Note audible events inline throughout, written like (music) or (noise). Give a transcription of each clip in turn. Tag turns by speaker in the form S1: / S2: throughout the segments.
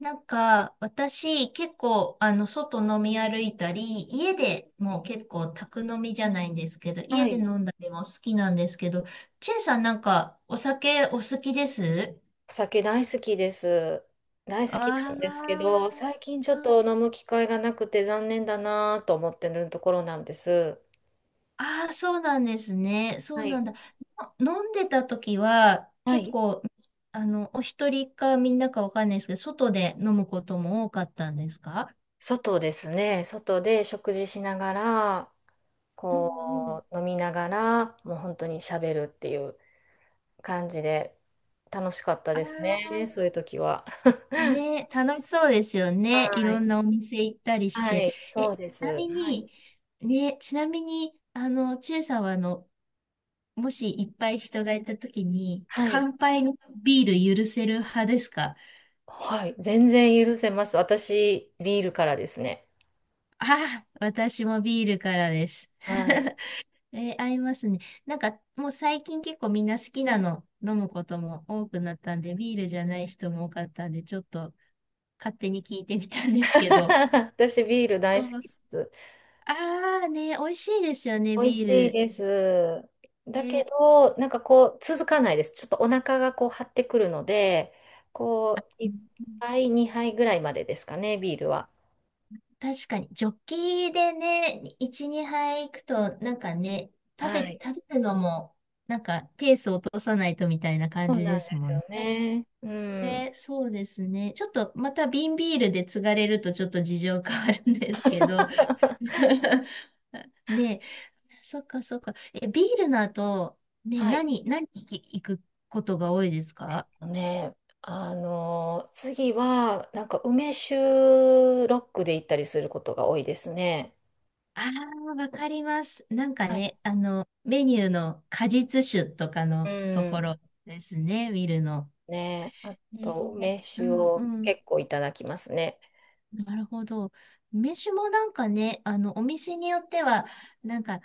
S1: なんか、私、結構、外飲み歩いたり、家でもう結構、宅飲みじゃないんですけど、
S2: は
S1: 家で
S2: い。
S1: 飲んだりも好きなんですけど、チェイさんなんか、お酒お好きです
S2: お酒大好きです。大好きなんですけ
S1: あ
S2: ど、最近ち
S1: あ
S2: ょ
S1: う
S2: っ
S1: ん、
S2: と飲む機会がなくて残念だなと思ってるところなんです。
S1: ああそうなんですね。そ
S2: は
S1: うな
S2: い。
S1: んだ。の飲んでた時は、
S2: は
S1: 結
S2: い。
S1: 構、お一人かみんなかわかんないですけど、外で飲むことも多かったんですか？
S2: 外ですね。外で食事しながら、
S1: うんうん。
S2: こう、飲みながら、もう本当に喋るっていう感じで、楽しかった
S1: あ
S2: ですね。そ
S1: あ、
S2: ういう時は。
S1: ね、楽しそうですよね。い
S2: は
S1: ろ
S2: い。
S1: んなお店行ったりし
S2: は
S1: て。
S2: い。
S1: え、
S2: そう
S1: ち
S2: です。
S1: なみ
S2: はい。
S1: に、ね、ちなみに、ちえさんは、もしいっぱい人がいたときに、
S2: はい。
S1: 乾杯のビール許せる派ですか？
S2: はい。全然許せます。私、ビールからですね。
S1: ああ、私もビールからです。
S2: はい。
S1: (laughs) えー合いますね。なんか、もう最近結構みんな好きなの飲むことも多くなったんで、ビールじゃない人も多かったんで、ちょっと勝手に聞いてみたんですけど、
S2: (laughs) 私ビール大
S1: そ
S2: 好
S1: う、
S2: きです。
S1: ああね、美味しいですよね、
S2: 美味
S1: ビ
S2: しい
S1: ー
S2: で
S1: ル。
S2: す。だけ
S1: ね、
S2: ど、なんかこう、続かないです。ちょっとお腹がこう張ってくるので、
S1: う
S2: こう、1
S1: ん、
S2: 杯、2杯ぐらいまでですかね、ビールは。
S1: 確かに、ジョッキでね、1、2杯行くと、なんかね、
S2: はい。
S1: 食べるのも、なんか、ペースを落とさないとみたいな感
S2: そう
S1: じ
S2: なん
S1: で
S2: で
S1: す
S2: す
S1: もん
S2: よ
S1: ね。
S2: ね。う
S1: ね、
S2: ん。
S1: そうですね。ちょっと、また瓶ビールで継がれると、ちょっと事情変わるんですけど。
S2: (laughs)
S1: (laughs) ね、そっかそっか。え、ビールの後、ね、
S2: はい。
S1: 何行くことが多いです
S2: えっ
S1: か？
S2: とね、あの次は、なんか梅酒ロックで行ったりすることが多いですね。
S1: ああ、わかります。なんか
S2: はい。
S1: ね、メニューの果実酒とか
S2: う
S1: のとこ
S2: ん。
S1: ろですね、見るの。
S2: ね。あ
S1: ね
S2: と、
S1: え、
S2: 梅
S1: う
S2: 酒
S1: んう
S2: を
S1: ん。
S2: 結構いただきますね。
S1: なるほど。梅酒もなんかね、お店によっては、なんか、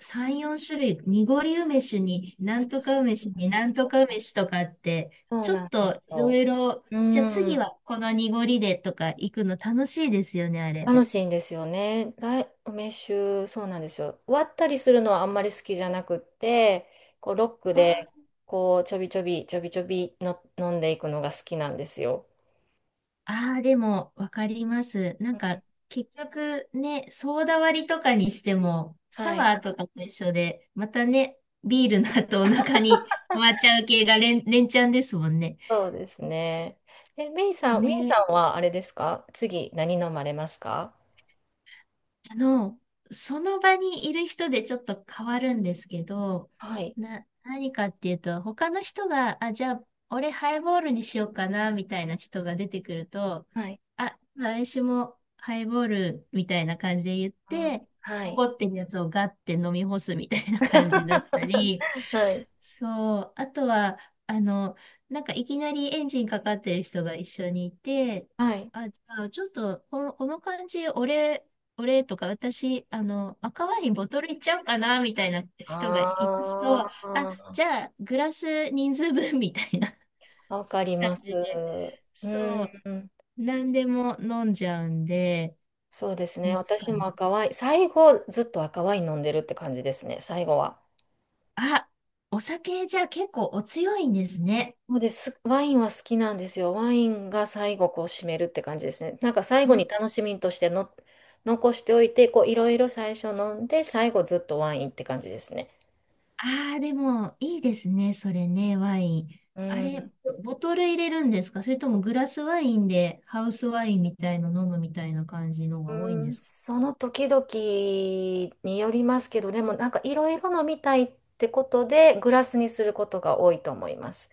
S1: 3、4種類、濁り梅酒に、な
S2: そ
S1: ん
S2: う
S1: と
S2: そ
S1: か梅酒に、
S2: う
S1: なん
S2: そ
S1: と
S2: うそ
S1: か
S2: う、
S1: 梅酒とかって、
S2: そう
S1: ちょ
S2: な
S1: っ
S2: んです
S1: といろ
S2: よ。
S1: いろ、
S2: う
S1: じゃあ次
S2: ん。
S1: はこの濁りでとか行くの楽しいですよね、あれ。
S2: 楽しいんですよね。梅酒、そうなんですよ。割ったりするのはあんまり好きじゃなくって、こう、ロックで、
S1: あ
S2: こう、ちょびちょび、ちょびちょびの飲んでいくのが好きなんですよ。
S1: ああ、でも、わかります。な
S2: う
S1: ん
S2: ん、
S1: か、結局ね、ソーダ割りとかにしても、サ
S2: はい。
S1: ワーとかと一緒で、またね、ビールの後お腹に (laughs) 回っちゃう系が連チャンですもんね。
S2: そうですね。え、メイさん、メイ
S1: ね、
S2: さんはあれですか、次、何飲まれますか？
S1: あの、その場にいる人でちょっと変わるんですけど、
S2: はい。
S1: 何かっていうと、他の人が、あ、じゃあ、俺ハイボールにしようかな、みたいな人が出てくると、
S2: はい。
S1: あ、私もハイボールみたいな感じで言っ
S2: うん、
S1: て、
S2: はい。
S1: 残ってるやつをガッて飲み干すみたいな感じだったり、
S2: (laughs) はい。
S1: そう。あとは、あの、なんかいきなりエンジンかかってる人が一緒にいて、
S2: はい。
S1: あ、じゃあちょっと、この感じ、俺とか、私、赤ワインボトルいっちゃおうかな、みたいな人がいますと、
S2: あ
S1: あ、じ
S2: あ、
S1: ゃあ、グラス人数分、みたいな
S2: わかり
S1: 感
S2: ます。
S1: じで、
S2: う
S1: そう、
S2: ん。
S1: 何でも飲んじゃうんで、
S2: そうですね。
S1: いつか
S2: 私も
S1: ね。
S2: 赤ワイン、最後ずっと赤ワイン飲んでるって感じですね。最後は。
S1: あ、お酒、じゃあ結構お強いんですね。
S2: そうです。ワインは好きなんですよ。ワインが最後こう締めるって感じですね。なんか最後に楽しみとしての残しておいて、こういろいろ最初飲んで、最後ずっとワインって感じですね。
S1: ああ、でも、いいですね、それね、ワイン。
S2: う
S1: あれ、
S2: ん。
S1: ボトル入れるんですか？それともグラスワインでハウスワインみたいの飲むみたいな感じのが多い
S2: う
S1: ん
S2: ー
S1: で
S2: ん、
S1: すか？
S2: その時々によりますけど、でもなんかいろいろ飲みたいってことでグラスにすることが多いと思います。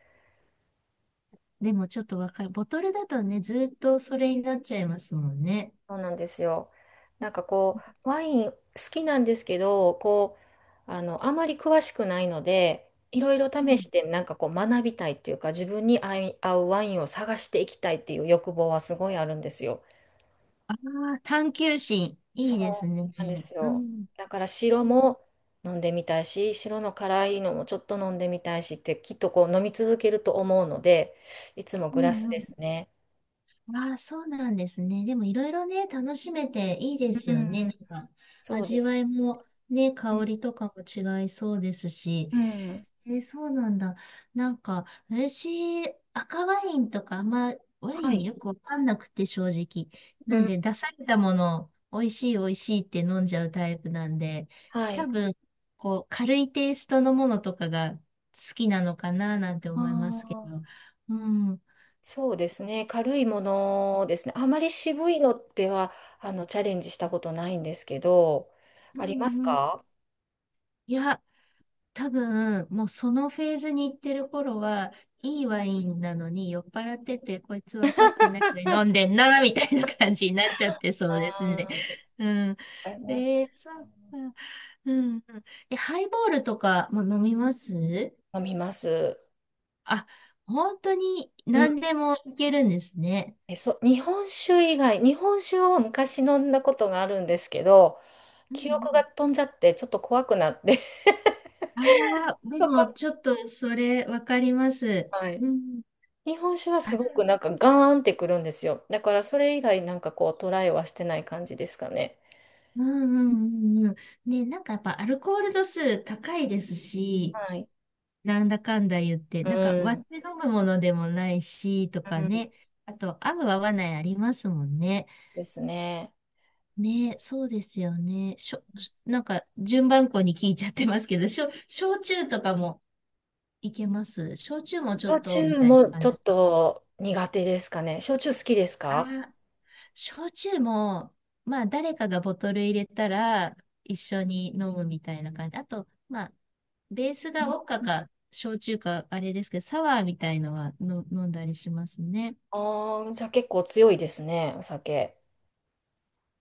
S1: でもちょっとわかる。ボトルだとね、ずーっとそれになっちゃいますもんね。
S2: そうなんですよ。なんかこう、ワイン好きなんですけど、こう、あまり詳しくないので、いろいろ
S1: う
S2: 試
S1: ん。
S2: してなんかこう学びたいっていうか、自分に合うワインを探していきたいっていう欲望はすごいあるんですよ。
S1: あ、探求心、
S2: そ
S1: いいですね。
S2: うなんです
S1: う
S2: よ。
S1: ん。
S2: だから白
S1: う
S2: も飲んでみたいし、白の辛いのもちょっと飲んでみたいしって、きっとこう飲み続けると思うので、いつもグ
S1: ん
S2: ラス
S1: う
S2: で
S1: ん。
S2: すね。
S1: ああ、そうなんですね。でもいろいろね、楽しめていいです
S2: う
S1: よね。
S2: ん、
S1: なんか、
S2: そう
S1: 味
S2: で
S1: わ
S2: す。
S1: いもね、
S2: う
S1: 香
S2: ん、
S1: りとかも違いそうですし。
S2: うん、
S1: えーそうなんだ。なんか、私、赤ワインとか、あんまワ
S2: は
S1: インに
S2: い。
S1: よくわかんなくて、正直。
S2: う
S1: なん
S2: ん、
S1: で、出されたものを、美味しい美味しいって飲んじゃうタイプなんで、
S2: は
S1: 多
S2: い。
S1: 分、こう、軽いテイストのものとかが好きなのかな、なんて思いますけ
S2: あ
S1: ど。
S2: あ、
S1: うん。うん
S2: そうですね。軽いものですね。あまり渋いのっては、チャレンジしたことないんですけど、
S1: う
S2: あります
S1: ん。
S2: か？
S1: いや、多分、もうそのフェーズに行ってる頃は、いいワインなのに酔っ払ってて、こいつ分かってないのに飲んでんな、みたいな感じになっちゃってそうですね。
S2: あ
S1: うん。
S2: あ、なんか
S1: えー、そっか。うん、うん。え、ハイボールとかも飲みます？
S2: 飲みます。
S1: あ、本当に何でもいけるんですね。
S2: え、そう、日本酒以外、日本酒を昔飲んだことがあるんですけど、
S1: う
S2: 記憶が
S1: ん
S2: 飛んじゃって、ちょっと怖くなって (laughs)
S1: うん、ああ、で
S2: そ
S1: も
S2: こ、
S1: ちょっとそれ分かります。
S2: はい。
S1: うん。
S2: 日本酒はすごくなんかガーンってくるんですよ。だからそれ以来なんかこうトライはしてない感じですかね。
S1: うんうんうんうん。ね、なんかやっぱアルコール度数高いですし、
S2: はい。
S1: なんだかんだ言って、
S2: う
S1: なんか割っ
S2: ん。
S1: て飲むものでもないし、と
S2: う
S1: か
S2: ん、
S1: ね。あと、合う合わないありますもんね。
S2: ですね。
S1: ね、そうですよね。しょ、しなんか順番こに聞いちゃってますけど、焼酎とかもいけます？焼酎もちょっ
S2: 焼
S1: と、み
S2: 酎
S1: たいな
S2: も
S1: 感
S2: ち
S1: じ
S2: ょ
S1: で
S2: っ
S1: すか。
S2: と苦手ですかね。焼酎好きですか？
S1: ああ、焼酎も、まあ誰かがボトル入れたら一緒に飲むみたいな感じ。あと、まあベース
S2: う
S1: が
S2: ん。
S1: ウォッカか、焼酎か、あれですけど、サワーみたいのはの飲んだりしますね。
S2: ああ、じゃあ結構強いですね、お酒。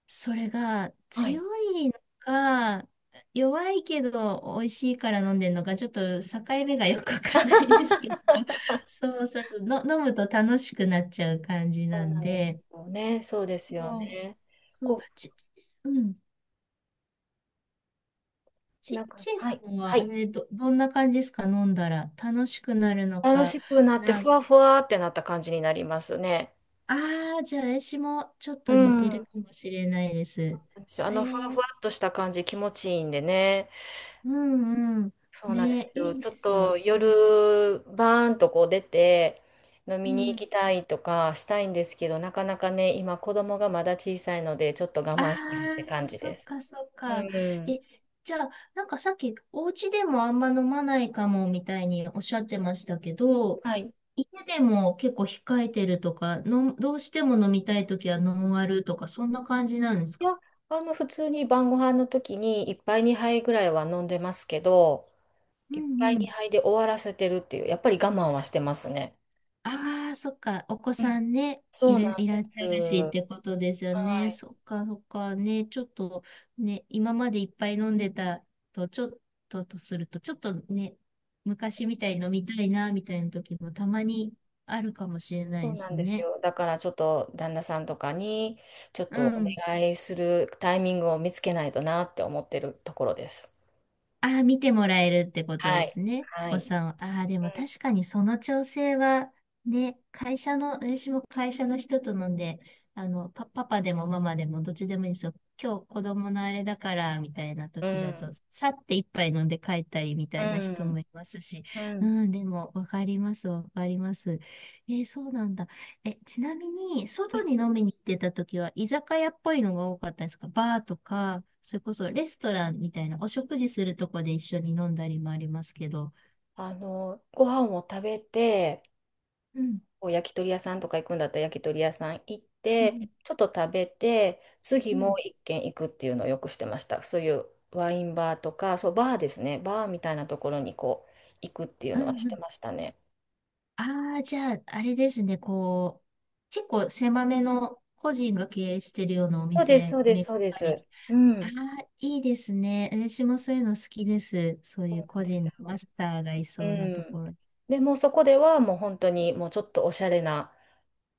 S1: それが
S2: は
S1: 強
S2: い。
S1: いのか、弱いけど美味しいから飲んでるのか、ちょっと境目がよくわかんないですけど、(laughs) そうそうそう、の、飲むと楽しくなっちゃう感じ
S2: そ
S1: な
S2: う
S1: ん
S2: なんで
S1: で、
S2: すよね。そうですよ
S1: そう、
S2: ね。
S1: そう、
S2: こう
S1: ち、うん、
S2: なんか、
S1: ちい
S2: は
S1: さ
S2: い。
S1: ん
S2: は
S1: はあ
S2: い。
S1: れ、どんな感じですか、飲んだら。楽しくなるの
S2: 楽
S1: か、
S2: しくなって、
S1: な
S2: ふ
S1: ん、
S2: わふわってなった感じになりますね。
S1: ああ、じゃあ私もちょっ
S2: う
S1: と似て
S2: ん。
S1: るかもしれないです。え
S2: ふわふ
S1: ー、
S2: わっとした感じ気持ちいいんでね。
S1: うんうん。
S2: そうなんです
S1: ね、
S2: よ。
S1: いい
S2: ちょ
S1: で
S2: っ
S1: すよ
S2: と
S1: ね。
S2: 夜、バーンとこう出て、飲み
S1: う
S2: に行
S1: ん。
S2: きたいとかしたいんですけど、なかなかね、今子供がまだ小さいので、ちょっと我
S1: あ
S2: 慢してるって
S1: あ、
S2: 感じ
S1: そ
S2: で
S1: っ
S2: す。
S1: かそっ
S2: う
S1: か。
S2: ん。
S1: え、じゃあ、なんかさっき、お家でもあんま飲まないかもみたいにおっしゃってましたけど、
S2: はい。
S1: 家でも結構控えてるとか、の、どうしても飲みたいときはノンアルとか、そんな感じなんです
S2: い
S1: か？
S2: や、普通に晩ご飯の時に一杯二杯ぐらいは飲んでますけど、
S1: う
S2: いっぱい
S1: ん、
S2: に2いで終わらせてるっていう、やっぱり我慢はしてますね。
S1: ああ、そっか。お子
S2: う
S1: さ
S2: ん、
S1: んね、
S2: そうなん
S1: いら
S2: で
S1: っしゃるしっ
S2: す。
S1: てことですよ
S2: は
S1: ね。
S2: い。
S1: そっか、そっか。ね、ちょっとね、今までいっぱい飲んでたと、ちょっととすると、ちょっとね、昔みたいに飲みたいな、みたいな時もたまにあるかもしれない
S2: そう
S1: で
S2: な
S1: す
S2: んです
S1: ね。
S2: よ。だからちょっと旦那さんとかにちょっ
S1: う
S2: とお
S1: ん。
S2: 願いするタイミングを見つけないとなって思ってるところです。
S1: ああ、見てもらえるってこと
S2: は
S1: で
S2: い。
S1: すね。
S2: は
S1: お子
S2: い。
S1: さんを。ああ、でも確かにその調整は、ね、会社の、私も会社の人と飲んで、パパでもママでもどっちでもいいんですよ。今日子供のあれだから、みたいな
S2: う
S1: 時だ
S2: ん。
S1: と、さって一杯飲んで帰ったりみた
S2: う
S1: いな人
S2: ん。
S1: もいますし、
S2: うん。うん、
S1: うん、でもわかります、わかります。えーそうなんだ。え、ちなみに、外に飲みに行ってた時は、居酒屋っぽいのが多かったですか？バーとか、それこそレストランみたいな、お食事するとこで一緒に飲んだりもありますけど。
S2: ご飯を食べて、
S1: うん、
S2: こう焼き鳥屋さんとか行くんだったら焼き鳥屋さん行っ
S1: う
S2: て、
S1: ん、
S2: ちょっと食べて、次
S1: うん、
S2: も
S1: うん。
S2: う一軒行くっていうのをよくしてました。そういうワインバーとか、そう、バーですね。バーみたいなところにこう、行くっていう
S1: う
S2: のはして
S1: ん。
S2: ましたね。
S1: ああ、じゃあ、あれですね、こう、結構狭めの個人が経営してるようなお
S2: そうです、そ
S1: 店、
S2: うで
S1: め
S2: す、
S1: っ
S2: そうで
S1: たり。
S2: す。う
S1: あ
S2: ん。
S1: あ、いいですね。私もそういうの好きです。そう
S2: そ
S1: い
S2: う
S1: う
S2: なん
S1: 個
S2: です
S1: 人のマ
S2: よ。
S1: スターがい
S2: う
S1: そうなと
S2: ん。
S1: ころ。
S2: でもうそこではもう本当にもうちょっとおしゃれな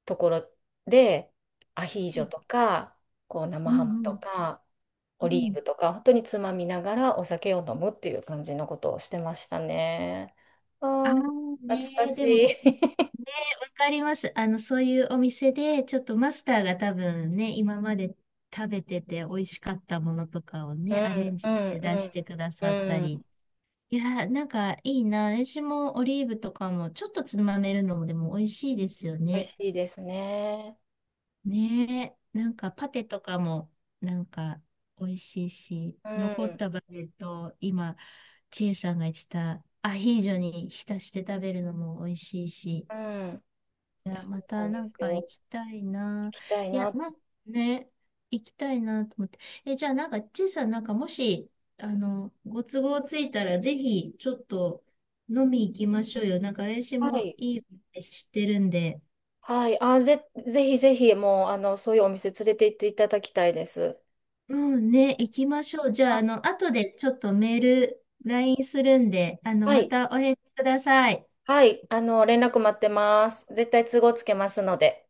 S2: ところで、アヒー
S1: う
S2: ジョ
S1: ん、
S2: とか、こう生
S1: うん、
S2: ハム
S1: う
S2: と
S1: ん。
S2: か、
S1: う
S2: オリー
S1: ん、
S2: ブとか、本当につまみながらお酒を飲むっていう感じのことをしてましたね。
S1: ああ、
S2: ああ、懐か
S1: ねえ、
S2: し
S1: で
S2: い。
S1: も、
S2: (laughs)
S1: かります。そういうお店で、ちょっとマスターが多分ね、今まで食べてて美味しかったものとかを
S2: う
S1: ね、
S2: ん、
S1: アレン
S2: う
S1: ジ
S2: ん、
S1: で出してくだ
S2: うん、
S1: さった
S2: う
S1: り。
S2: ん。
S1: いやー、なんかいいな。私もオリーブとかもちょっとつまめるのもでも美味しいですよ
S2: 美味
S1: ね。
S2: しいですね。
S1: ねえ、な
S2: う
S1: んかパテとかもなんか美味しいし、残っ
S2: ん、
S1: たバゲットを今、チエさんが言ってたアヒージョに浸して食べるのも美味しいし。
S2: うん。
S1: いや、
S2: そ
S1: ま
S2: う
S1: た
S2: なん
S1: な
S2: で
S1: ん
S2: す
S1: か行
S2: よ。
S1: きたい
S2: 行
S1: な。
S2: きたい
S1: いや、
S2: な。
S1: なんね、行きたいなと思って。え、じゃあなんか、ちいさんなんかもし、ご都合ついたら、ぜひ、ちょっと飲み行きましょうよ。なんか、私
S2: は
S1: も
S2: い。
S1: いいって知ってるんで。
S2: はい。あ、ぜひぜひ、もう、そういうお店連れて行っていただきたいです。
S1: うんね、行きましょう。じゃあ、
S2: あ、
S1: 後でちょっとメール、LINE するんで、
S2: は
S1: ま
S2: い。
S1: たお返事ください。
S2: はい、連絡待ってます。絶対都合つけますので。